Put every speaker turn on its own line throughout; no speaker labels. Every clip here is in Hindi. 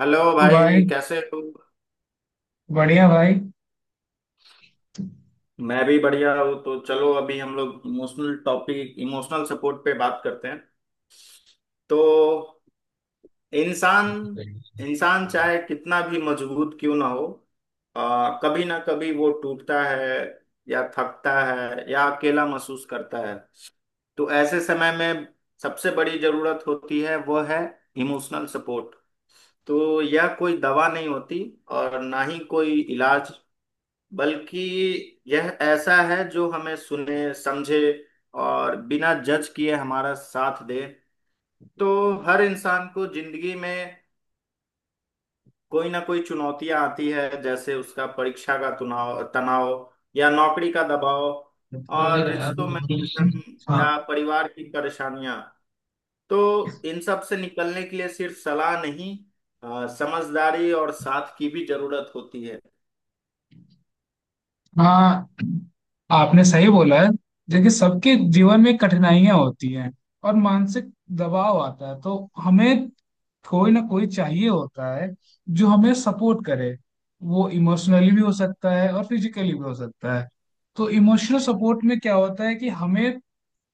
हेलो
तो
भाई,
भाई,
कैसे हो।
बढ़िया भाई।
मैं भी बढ़िया हूँ। तो चलो, अभी हम लोग इमोशनल टॉपिक, इमोशनल सपोर्ट पे बात करते हैं। तो इंसान इंसान चाहे कितना भी मजबूत क्यों ना हो, कभी ना कभी वो टूटता है या थकता है या अकेला महसूस करता है। तो ऐसे समय में सबसे बड़ी जरूरत होती है, वो है इमोशनल सपोर्ट। तो यह कोई दवा नहीं होती और ना ही कोई इलाज, बल्कि यह ऐसा है जो हमें सुने, समझे और बिना जज किए हमारा साथ दे। तो हर इंसान को जिंदगी में कोई ना कोई चुनौतियां आती है, जैसे उसका परीक्षा का तनाव तनाव या नौकरी का दबाव और रिश्तों में उलझन या
हाँ।
परिवार की परेशानियां। तो इन सब से निकलने के लिए सिर्फ सलाह नहीं, समझदारी और साथ की भी जरूरत होती है।
हाँ, आपने सही बोला है। देखिए, सबके जीवन में कठिनाइयां होती हैं और मानसिक दबाव आता है, तो हमें कोई ना कोई चाहिए होता है जो हमें सपोर्ट करे। वो इमोशनली भी हो सकता है और फिजिकली भी हो सकता है। तो इमोशनल सपोर्ट में क्या होता है कि हमें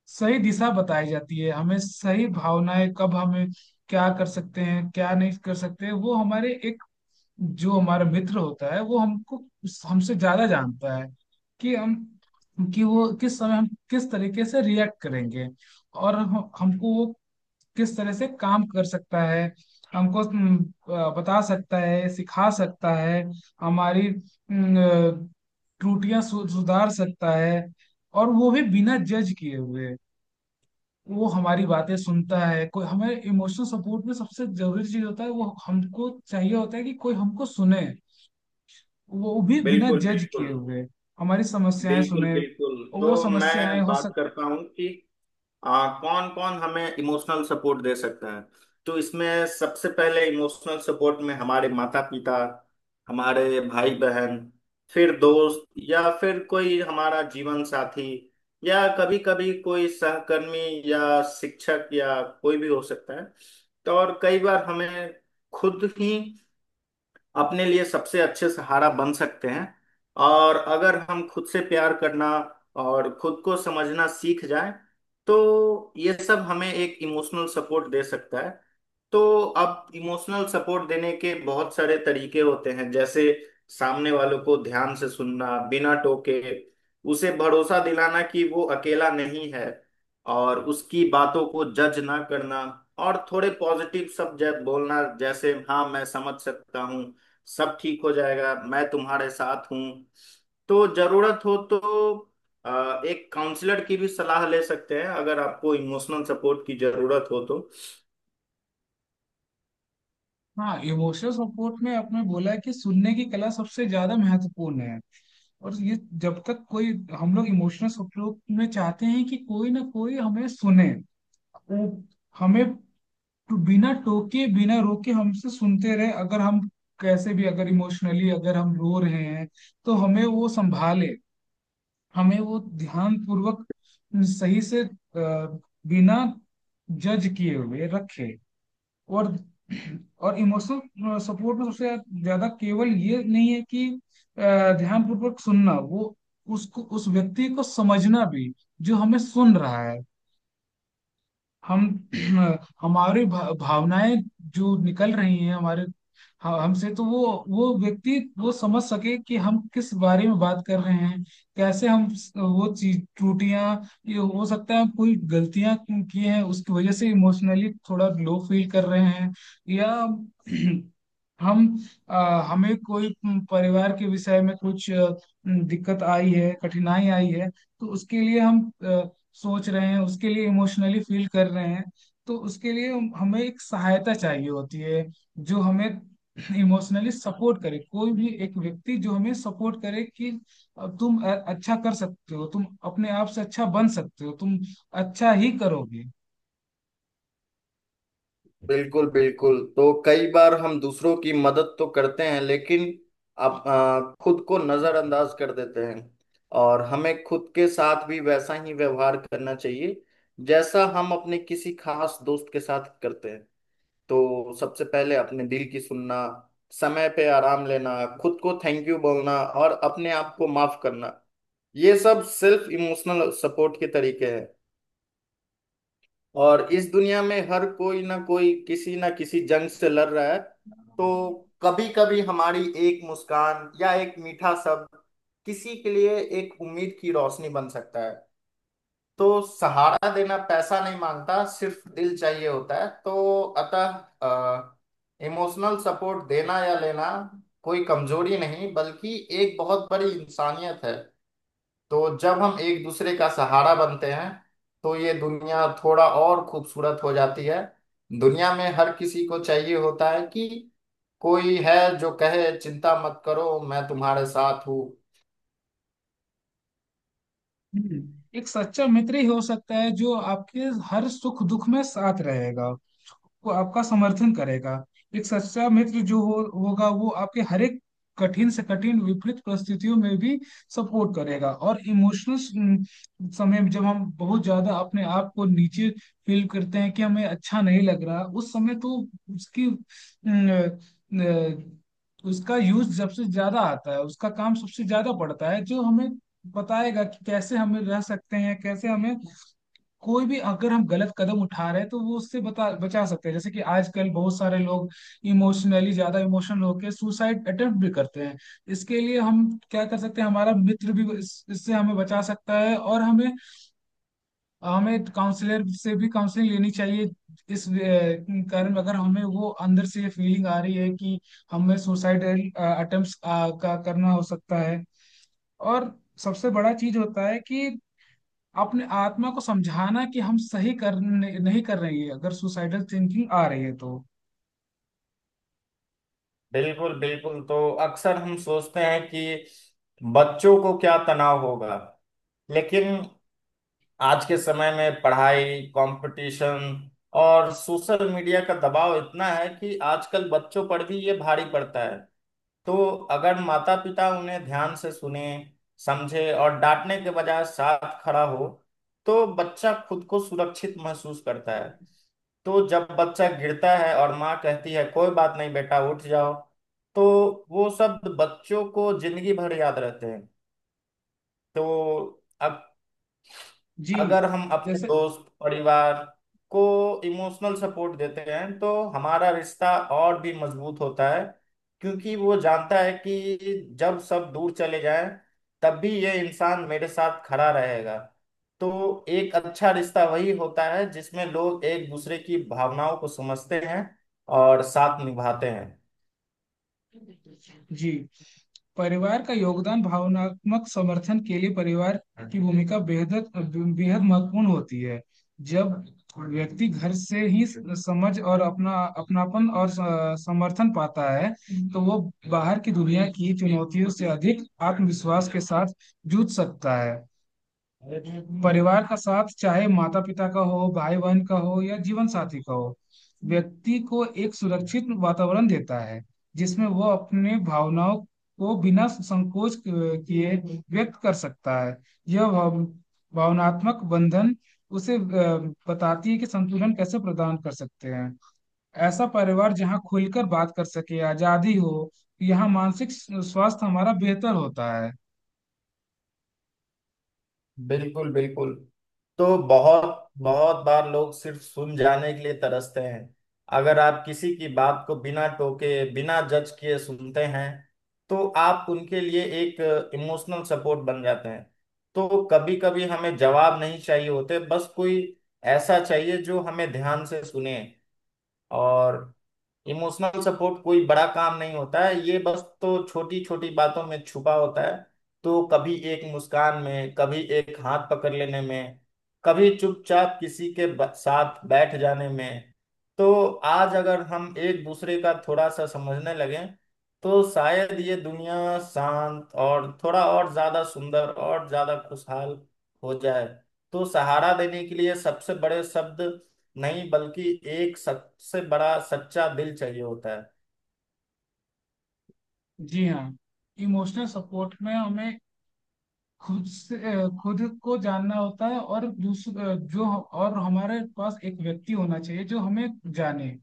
सही दिशा बताई जाती है, हमें सही भावनाएं, कब हमें क्या कर सकते हैं क्या नहीं कर सकते, वो हमारे, जो हमारा मित्र होता है वो हमको हमसे ज्यादा जानता है कि हम, कि वो किस समय, हम किस तरीके से रिएक्ट करेंगे और हमको वो किस तरह से काम कर सकता है, हमको बता सकता है, सिखा सकता है। हमारी हम्म, अ, सुधार सकता है, और वो भी बिना जज किए हुए। वो हमारी बातें सुनता है। कोई, हमें इमोशनल सपोर्ट में सबसे जरूरी चीज होता है वो हमको चाहिए होता है कि कोई हमको सुने, वो भी बिना
बिल्कुल,
जज किए
बिल्कुल।
हुए। हमारी समस्याएं
बिल्कुल,
सुने
बिल्कुल।
और वो
तो
समस्याएं
मैं
हो
बात
सक।
करता हूँ कि कौन कौन हमें इमोशनल सपोर्ट दे सकता है। तो इसमें सबसे पहले इमोशनल सपोर्ट में हमारे माता पिता, हमारे भाई बहन, फिर दोस्त या फिर कोई हमारा जीवन साथी या कभी कभी कोई सहकर्मी या शिक्षक या कोई भी हो सकता है। तो और कई बार हमें खुद ही अपने लिए सबसे अच्छे सहारा बन सकते हैं। और अगर हम खुद से प्यार करना और खुद को समझना सीख जाएं, तो ये सब हमें एक इमोशनल सपोर्ट दे सकता है। तो अब इमोशनल सपोर्ट देने के बहुत सारे तरीके होते हैं, जैसे सामने वालों को ध्यान से सुनना बिना टोके, उसे भरोसा दिलाना कि वो अकेला नहीं है, और उसकी बातों को जज ना करना, और थोड़े पॉजिटिव शब्द बोलना, जैसे हाँ मैं समझ सकता हूँ, सब ठीक हो जाएगा, मैं तुम्हारे साथ हूँ। तो जरूरत हो तो एक काउंसलर की भी सलाह ले सकते हैं, अगर आपको इमोशनल सपोर्ट की जरूरत हो तो।
हाँ, इमोशनल सपोर्ट में आपने बोला है कि सुनने की कला सबसे ज्यादा महत्वपूर्ण है। और ये, जब तक कोई, हम लोग इमोशनल सपोर्ट में चाहते हैं कि कोई ना कोई हमें सुने। वो हमें बिना टोके बिना रोके हमसे सुनते रहे। अगर हम कैसे भी, अगर इमोशनली, अगर हम रो रहे हैं तो हमें वो संभाले। हमें वो ध्यान पूर्वक, सही से, बिना जज किए हुए रखे। और और इमोशनल सपोर्ट में सबसे ज्यादा केवल ये नहीं है कि ध्यान पूर्वक सुनना, वो उसको, उस व्यक्ति को समझना भी, जो हमें सुन रहा है। हम हमारी भावनाएं जो निकल रही हैं हमारे, हमसे, तो वो व्यक्ति वो समझ सके कि हम किस बारे में बात कर रहे हैं। कैसे हम वो चीज त्रुटियां, ये हो सकता है कोई गलतियां की हैं उसकी वजह से इमोशनली थोड़ा लो फील कर रहे हैं, या हम, अ, हमें कोई परिवार के विषय में कुछ दिक्कत आई है, कठिनाई आई है, तो उसके लिए हम सोच रहे हैं, उसके लिए इमोशनली फील कर रहे हैं। तो उसके लिए हमें एक सहायता चाहिए होती है जो हमें इमोशनली सपोर्ट करे, कोई भी एक व्यक्ति जो हमें सपोर्ट करे कि अब तुम अच्छा कर सकते हो तुम, अपने आप से अच्छा बन सकते हो तुम, अच्छा ही करोगे।
बिल्कुल, बिल्कुल। तो कई बार हम दूसरों की मदद तो करते हैं, लेकिन आप खुद को नजरअंदाज कर देते हैं। और हमें खुद के साथ भी वैसा ही व्यवहार करना चाहिए जैसा हम अपने किसी खास दोस्त के साथ करते हैं। तो सबसे पहले अपने दिल की सुनना, समय पे आराम लेना, खुद को थैंक यू बोलना और अपने आप को माफ करना, ये सब सेल्फ इमोशनल सपोर्ट के तरीके हैं। और इस दुनिया में हर कोई ना कोई किसी ना किसी जंग से लड़ रहा है। तो कभी कभी हमारी एक मुस्कान या एक मीठा शब्द किसी के लिए एक उम्मीद की रोशनी बन सकता है। तो सहारा देना पैसा नहीं मांगता, सिर्फ दिल चाहिए होता है। तो अतः इमोशनल सपोर्ट देना या लेना कोई कमजोरी नहीं, बल्कि एक बहुत बड़ी इंसानियत है। तो जब हम एक दूसरे का सहारा बनते हैं, तो ये दुनिया थोड़ा और खूबसूरत हो जाती है। दुनिया में हर किसी को चाहिए होता है कि कोई है जो कहे, चिंता मत करो, मैं तुम्हारे साथ हूँ।
हम्म। एक सच्चा मित्र ही हो सकता है जो आपके हर सुख दुख में साथ रहेगा, वो आपका समर्थन करेगा। एक सच्चा मित्र जो होगा, वो आपके हर एक कठिन से कठिन विपरीत परिस्थितियों में भी सपोर्ट करेगा। और इमोशनल समय में, जब हम बहुत ज्यादा अपने आप को नीचे फील करते हैं कि हमें अच्छा नहीं लग रहा, उस समय तो उसकी अ, उसका यूज सबसे ज्यादा आता है, उसका काम सबसे ज्यादा पड़ता है, जो हमें बताएगा कि कैसे हमें रह सकते हैं, कैसे हमें, कोई भी अगर हम गलत कदम उठा रहे हैं तो वो उससे बता बचा सकते हैं। जैसे कि आजकल बहुत सारे लोग इमोशनली, ज्यादा इमोशनल होकर सुसाइड अटेम्प्ट भी करते हैं। इसके लिए हम क्या कर सकते हैं, हमारा मित्र भी इससे हमें बचा सकता है, और हमें, हमें काउंसलर से भी काउंसलिंग लेनी चाहिए। इस कारण अगर हमें वो अंदर से ये फीलिंग आ रही है कि हमें सुसाइड अटेम्प्ट का करना हो सकता है। और सबसे बड़ा चीज होता है कि अपने आत्मा को समझाना कि हम सही कर, नहीं कर रहे हैं अगर सुसाइडल थिंकिंग आ रही है तो।
बिल्कुल, बिल्कुल। तो अक्सर हम सोचते हैं कि बच्चों को क्या तनाव होगा, लेकिन आज के समय में पढ़ाई, कंपटीशन और सोशल मीडिया का दबाव इतना है कि आजकल बच्चों पर भी ये भारी पड़ता है। तो अगर माता पिता उन्हें ध्यान से सुने, समझे और डांटने के बजाय साथ खड़ा हो, तो बच्चा खुद को सुरक्षित महसूस करता है। तो जब बच्चा गिरता है और माँ कहती है कोई बात नहीं बेटा उठ जाओ, तो वो शब्द बच्चों को जिंदगी भर याद रहते हैं। तो अब
जी।
अगर हम अपने
जैसे।
दोस्त, परिवार को इमोशनल सपोर्ट देते हैं, तो हमारा रिश्ता और भी मजबूत होता है, क्योंकि वो जानता है कि जब सब दूर चले जाएं तब भी ये इंसान मेरे साथ खड़ा रहेगा। तो एक अच्छा रिश्ता वही होता है जिसमें लोग एक दूसरे की भावनाओं को समझते हैं और साथ निभाते हैं।
जी, परिवार का योगदान, भावनात्मक समर्थन के लिए परिवार की भूमिका बेहद, बेहद महत्वपूर्ण होती है। जब व्यक्ति घर से ही समझ और अपना, अपनापन और समर्थन पाता है, तो वो बाहर की दुनिया की चुनौतियों से अधिक आत्मविश्वास के साथ जूझ सकता है। परिवार का साथ, चाहे माता पिता का हो, भाई बहन का हो, या जीवन साथी का हो, व्यक्ति को एक सुरक्षित वातावरण देता है जिसमें वो अपने भावनाओं को बिना संकोच किए व्यक्त कर सकता है। यह भावनात्मक बंधन उसे, बताती है कि संतुलन कैसे प्रदान कर सकते हैं। ऐसा परिवार जहाँ खुलकर बात कर सके, आजादी हो, यहाँ मानसिक स्वास्थ्य हमारा बेहतर होता है।
बिल्कुल, बिल्कुल। तो बहुत बहुत बार लोग सिर्फ सुन जाने के लिए तरसते हैं। अगर आप किसी की बात को बिना टोके बिना जज किए सुनते हैं, तो आप उनके लिए एक इमोशनल सपोर्ट बन जाते हैं। तो कभी कभी हमें जवाब नहीं चाहिए होते, बस कोई ऐसा चाहिए जो हमें ध्यान से सुने। और इमोशनल सपोर्ट कोई बड़ा काम नहीं होता है, ये बस तो छोटी छोटी बातों में छुपा होता है। तो कभी एक मुस्कान में, कभी एक हाथ पकड़ लेने में, कभी चुपचाप किसी के साथ बैठ जाने में। तो आज अगर हम एक दूसरे का थोड़ा सा समझने लगें, तो शायद ये दुनिया शांत और थोड़ा और ज्यादा सुंदर और ज्यादा खुशहाल हो जाए। तो सहारा देने के लिए सबसे बड़े शब्द नहीं, बल्कि एक सबसे बड़ा सच्चा दिल चाहिए होता है।
जी हाँ, इमोशनल सपोर्ट में हमें खुद से, खुद को जानना होता है, और दूसरा, जो और हमारे पास एक व्यक्ति होना चाहिए जो हमें जाने।